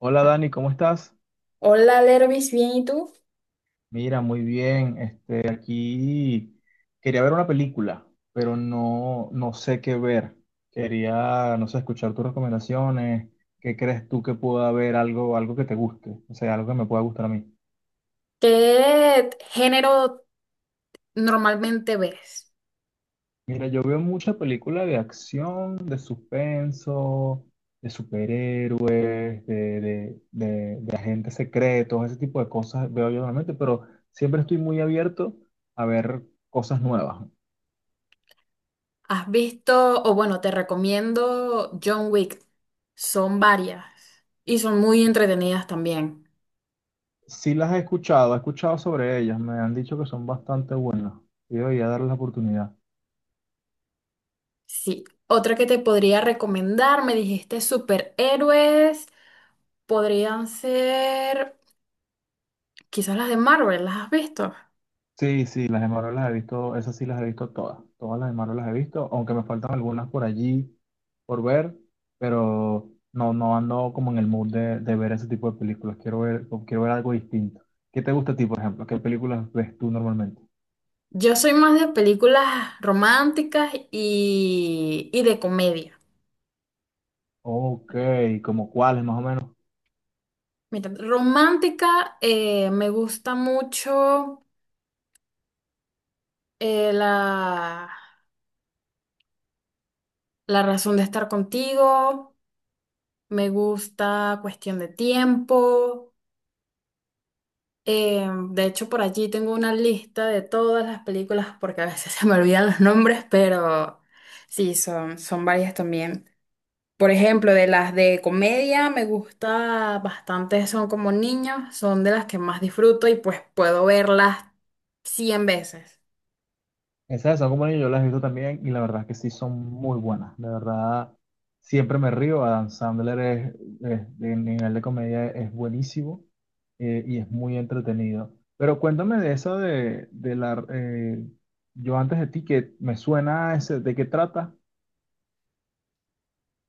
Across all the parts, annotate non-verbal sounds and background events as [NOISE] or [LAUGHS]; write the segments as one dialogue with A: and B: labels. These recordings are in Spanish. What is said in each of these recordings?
A: Hola Dani, ¿cómo estás?
B: Hola, Lervis, bien, ¿y tú?
A: Mira, muy bien. Este, aquí quería ver una película, pero no sé qué ver. Quería, no sé, escuchar tus recomendaciones. ¿Qué crees tú que pueda haber algo, algo que te guste? O sea, algo que me pueda gustar a mí.
B: ¿Qué género normalmente ves?
A: Mira, yo veo mucha película de acción, de suspenso, de superhéroes, de agentes secretos, ese tipo de cosas veo yo normalmente, pero siempre estoy muy abierto a ver cosas nuevas.
B: ¿Has visto, o bueno, te recomiendo John Wick? Son varias y son muy entretenidas también.
A: Sí las he escuchado sobre ellas, me han dicho que son bastante buenas y debería darles la oportunidad.
B: Sí, otra que te podría recomendar, me dijiste superhéroes, podrían ser quizás las de Marvel, ¿las has visto?
A: Sí, sí, las de Marvel las he visto, esas sí las he visto todas, todas las de Marvel las he visto, aunque me faltan algunas por allí por ver, pero no, no ando como en el mood de ver ese tipo de películas, quiero ver algo distinto. ¿Qué te gusta a ti, por ejemplo? ¿Qué películas ves tú normalmente?
B: Yo soy más de películas románticas y de comedia.
A: Ok, ¿como cuáles más o menos?
B: Mira, romántica, me gusta mucho la, la razón de estar contigo, me gusta cuestión de tiempo. De hecho, por allí tengo una lista de todas las películas porque a veces [LAUGHS] se me olvidan los nombres, pero sí, son, son varias también. Por ejemplo, de las de comedia me gusta bastante, son como niños, son de las que más disfruto y pues puedo verlas 100 veces.
A: Esas de Sago Mani yo las he visto también y la verdad es que sí son muy buenas. De verdad, siempre me río. Adam Sandler es, de nivel de comedia es buenísimo y es muy entretenido. Pero cuéntame de esa de, de la yo antes de ti, que me suena a ese, ¿de qué trata?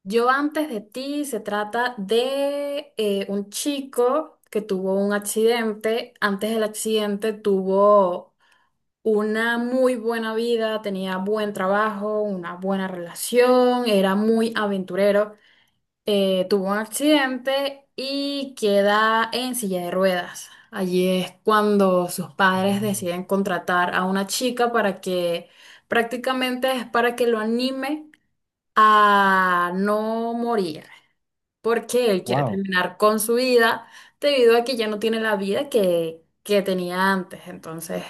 B: Yo antes de ti se trata de un chico que tuvo un accidente. Antes del accidente tuvo una muy buena vida, tenía buen trabajo, una buena relación, era muy aventurero. Tuvo un accidente y queda en silla de ruedas. Allí es cuando sus padres
A: Mm.
B: deciden contratar a una chica para que prácticamente es para que lo anime a no morir porque él quiere
A: Wow,
B: terminar con su vida debido a que ya no tiene la vida que tenía antes. Entonces,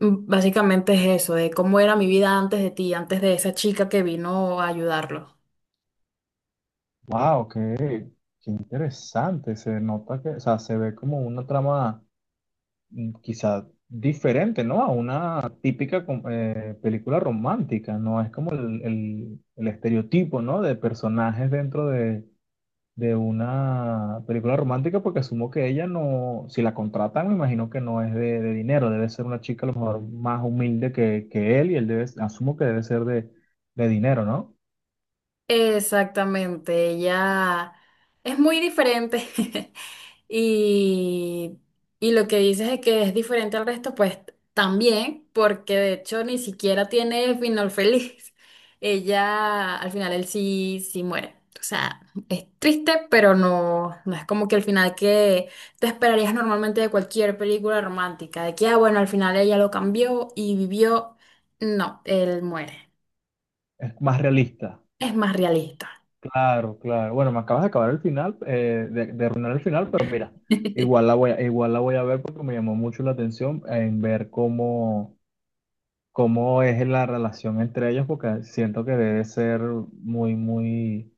B: básicamente es eso, de cómo era mi vida antes de ti, antes de esa chica que vino a ayudarlo.
A: wow, qué, qué interesante. Se nota que, o sea, se ve como una trama quizá diferente, ¿no? A una típica película romántica, ¿no? Es como el, el estereotipo, ¿no? De personajes dentro de una película romántica, porque asumo que ella no, si la contratan, me imagino que no es de dinero, debe ser una chica a lo mejor más humilde que él y él debe, asumo que debe ser de dinero, ¿no?
B: Exactamente, ella es muy diferente [LAUGHS] y, y lo que dices es que es diferente al resto, pues también, porque de hecho ni siquiera tiene final feliz. [LAUGHS] Ella al final él sí, sí muere. O sea, es triste, pero no, no es como que el final que te esperarías normalmente de cualquier película romántica, de que, ah, bueno, al final ella lo cambió y vivió. No, él muere.
A: Es más realista.
B: Es más realista.
A: Claro, claro. Bueno, me acabas de acabar el final, de arruinar el final, pero mira,
B: [LAUGHS]
A: igual la voy a ver porque me llamó mucho la atención en ver cómo, cómo es la relación entre ellos, porque siento que debe ser muy, muy,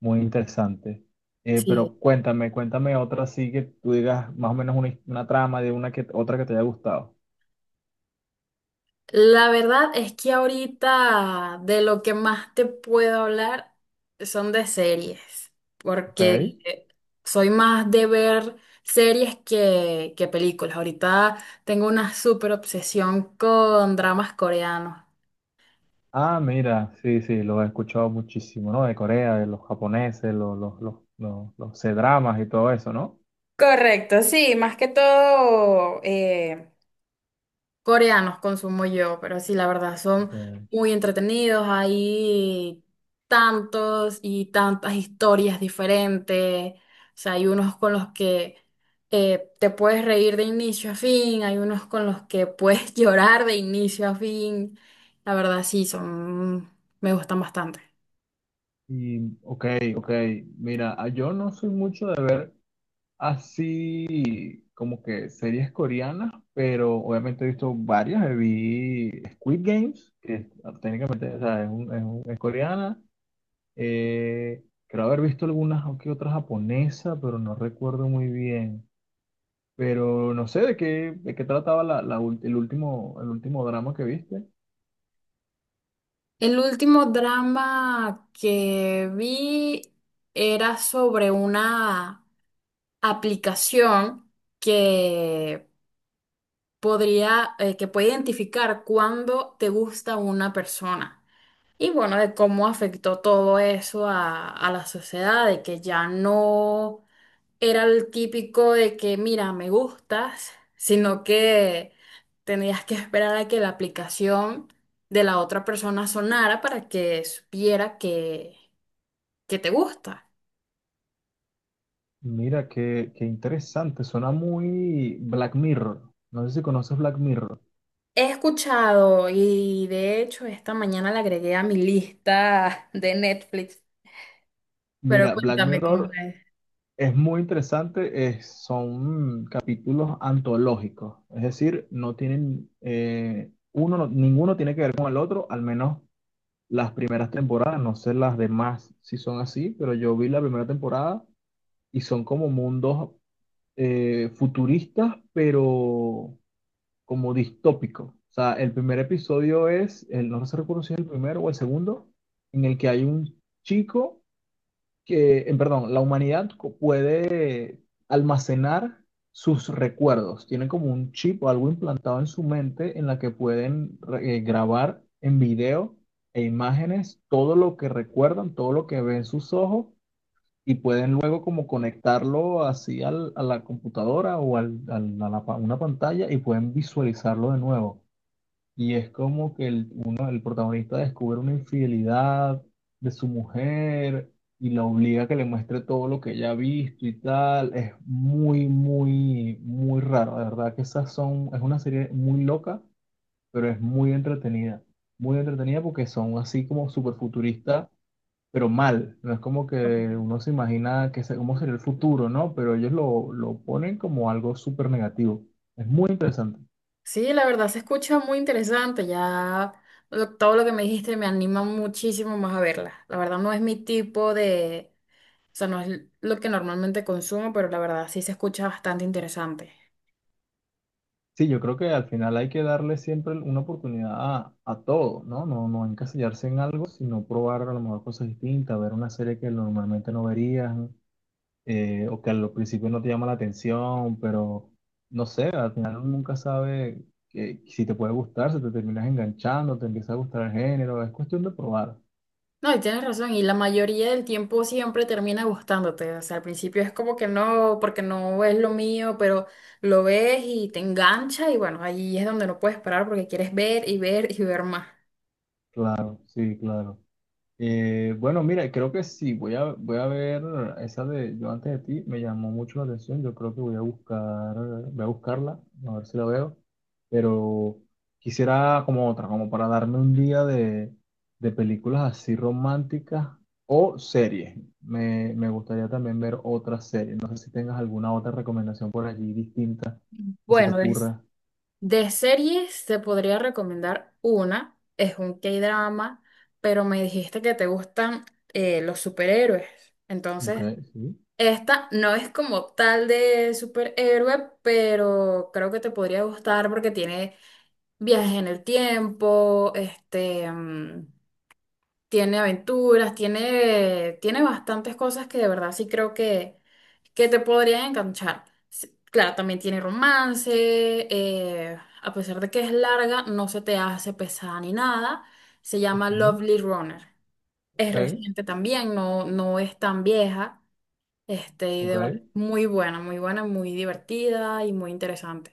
A: muy interesante.
B: Sí,
A: Pero cuéntame, cuéntame otra así que tú digas más o menos una trama de una que otra que te haya gustado,
B: la verdad es que ahorita de lo que más te puedo hablar son de series,
A: ¿ok?
B: porque soy más de ver series que películas. Ahorita tengo una súper obsesión con dramas coreanos.
A: Ah, mira, sí, sí, lo he escuchado muchísimo, ¿no? De Corea, de los japoneses, los C-dramas y todo eso, ¿no?
B: Correcto, sí, más que todo coreanos consumo yo, pero sí, la verdad, son
A: Okay.
B: muy entretenidos. Hay tantos y tantas historias diferentes. O sea, hay unos con los que te puedes reír de inicio a fin, hay unos con los que puedes [LAUGHS] llorar de inicio a fin. La verdad, sí, son, me gustan bastante.
A: Y, ok, ok. Mira, ah, yo no soy mucho de ver así como que series coreanas, pero obviamente he visto varias. Vi Squid Games, que es, ah, técnicamente o sea, es, es coreana. Creo haber visto algunas o que otras japonesas, pero no recuerdo muy bien. Pero no sé de qué trataba la, el último drama que viste.
B: El último drama que vi era sobre una aplicación que podría, que puede identificar cuándo te gusta una persona. Y bueno, de cómo afectó todo eso a la sociedad, de que ya no era el típico de que, mira, me gustas, sino que tenías que esperar a que la aplicación de la otra persona sonara para que supiera que te gusta.
A: Mira, qué, qué interesante, suena muy Black Mirror. No sé si conoces Black Mirror.
B: He escuchado y de hecho esta mañana la agregué a mi lista de Netflix, pero
A: Mira, Black
B: cuéntame cómo
A: Mirror
B: es.
A: es muy interesante, son capítulos antológicos, es decir, no tienen, uno, ninguno tiene que ver con el otro, al menos las primeras temporadas, no sé las demás si son así, pero yo vi la primera temporada y son como mundos futuristas, pero como distópico. O sea, el primer episodio es, el, no se recuerdo si es el primero o el segundo, en el que hay un chico que, perdón, puede almacenar sus recuerdos. Tienen como un chip o algo implantado en su mente en la que pueden grabar en video e imágenes todo lo que recuerdan, todo lo que ven sus ojos y pueden luego como conectarlo así a la computadora o a la una pantalla y pueden visualizarlo de nuevo. Y es como que el, uno, el protagonista descubre una infidelidad de su mujer y la obliga a que le muestre todo lo que ella ha visto y tal. Es muy, muy, muy raro. De verdad que esas son, es una serie muy loca, pero es muy entretenida. Muy entretenida porque son así como super futuristas pero mal. No es como
B: Ok.
A: que uno se imagina que cómo sería el futuro, ¿no? Pero ellos lo ponen como algo súper negativo. Es muy interesante.
B: Sí, la verdad se escucha muy interesante. Ya todo lo que me dijiste me anima muchísimo más a verla. La verdad no es mi tipo de, o sea, no es lo que normalmente consumo, pero la verdad sí se escucha bastante interesante.
A: Sí, yo creo que al final hay que darle siempre una oportunidad a todo, ¿no? No, no encasillarse en algo, sino probar a lo mejor cosas distintas, ver una serie que normalmente no verías, o que al principio no te llama la atención, pero no sé, al final uno nunca sabe que, si te puede gustar, si te terminas enganchando, te empieza a gustar el género, es cuestión de probar.
B: No, y tienes razón, y la mayoría del tiempo siempre termina gustándote. O sea, al principio es como que no, porque no es lo mío, pero lo ves y te engancha y bueno, ahí es donde no puedes parar porque quieres ver y ver y ver más.
A: Claro, sí, claro. Bueno, mira, creo que sí, voy a ver esa de Yo antes de ti, me llamó mucho la atención, yo creo que voy a buscar, voy a buscarla, a ver si la veo, pero quisiera como otra, como para darme un día de películas así románticas o series. Me gustaría también ver otra serie, no sé si tengas alguna otra recomendación por allí distinta que se te
B: Bueno,
A: ocurra.
B: de series te podría recomendar una, es un K-drama, pero me dijiste que te gustan los superhéroes.
A: Ok,
B: Entonces,
A: sí.
B: esta no es como tal de superhéroe, pero creo que te podría gustar porque tiene viajes en el tiempo, este, tiene aventuras, tiene, tiene bastantes cosas que de verdad sí creo que te podrían enganchar. Sí, claro, también tiene romance, a pesar de que es larga, no se te hace pesada ni nada. Se llama
A: Ujú,
B: Lovely Runner. Es
A: ok,
B: reciente también, no, no es tan vieja. Este, y
A: ok.
B: de verdad, muy buena, muy buena, muy divertida y muy interesante.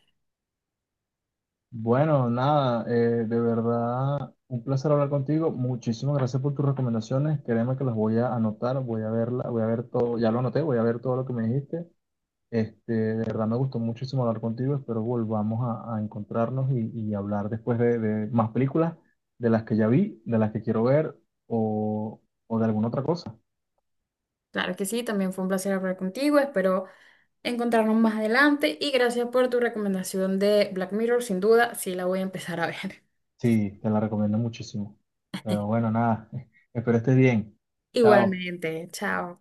A: Bueno, nada, de verdad, un placer hablar contigo. Muchísimas gracias por tus recomendaciones. Créeme que las voy a anotar, voy a verla, voy a ver todo, ya lo anoté, voy a ver todo lo que me dijiste. Este, de verdad me gustó muchísimo hablar contigo. Espero volvamos a encontrarnos y hablar después de más películas, de las que ya vi, de las que quiero ver o, o de alguna otra cosa.
B: Claro que sí, también fue un placer hablar contigo. Espero encontrarnos más adelante y gracias por tu recomendación de Black Mirror, sin duda, sí la voy a empezar a ver.
A: Sí, te la recomiendo muchísimo. Pero bueno, nada, [LAUGHS] espero estés bien.
B: [LAUGHS]
A: Chao.
B: Igualmente, chao.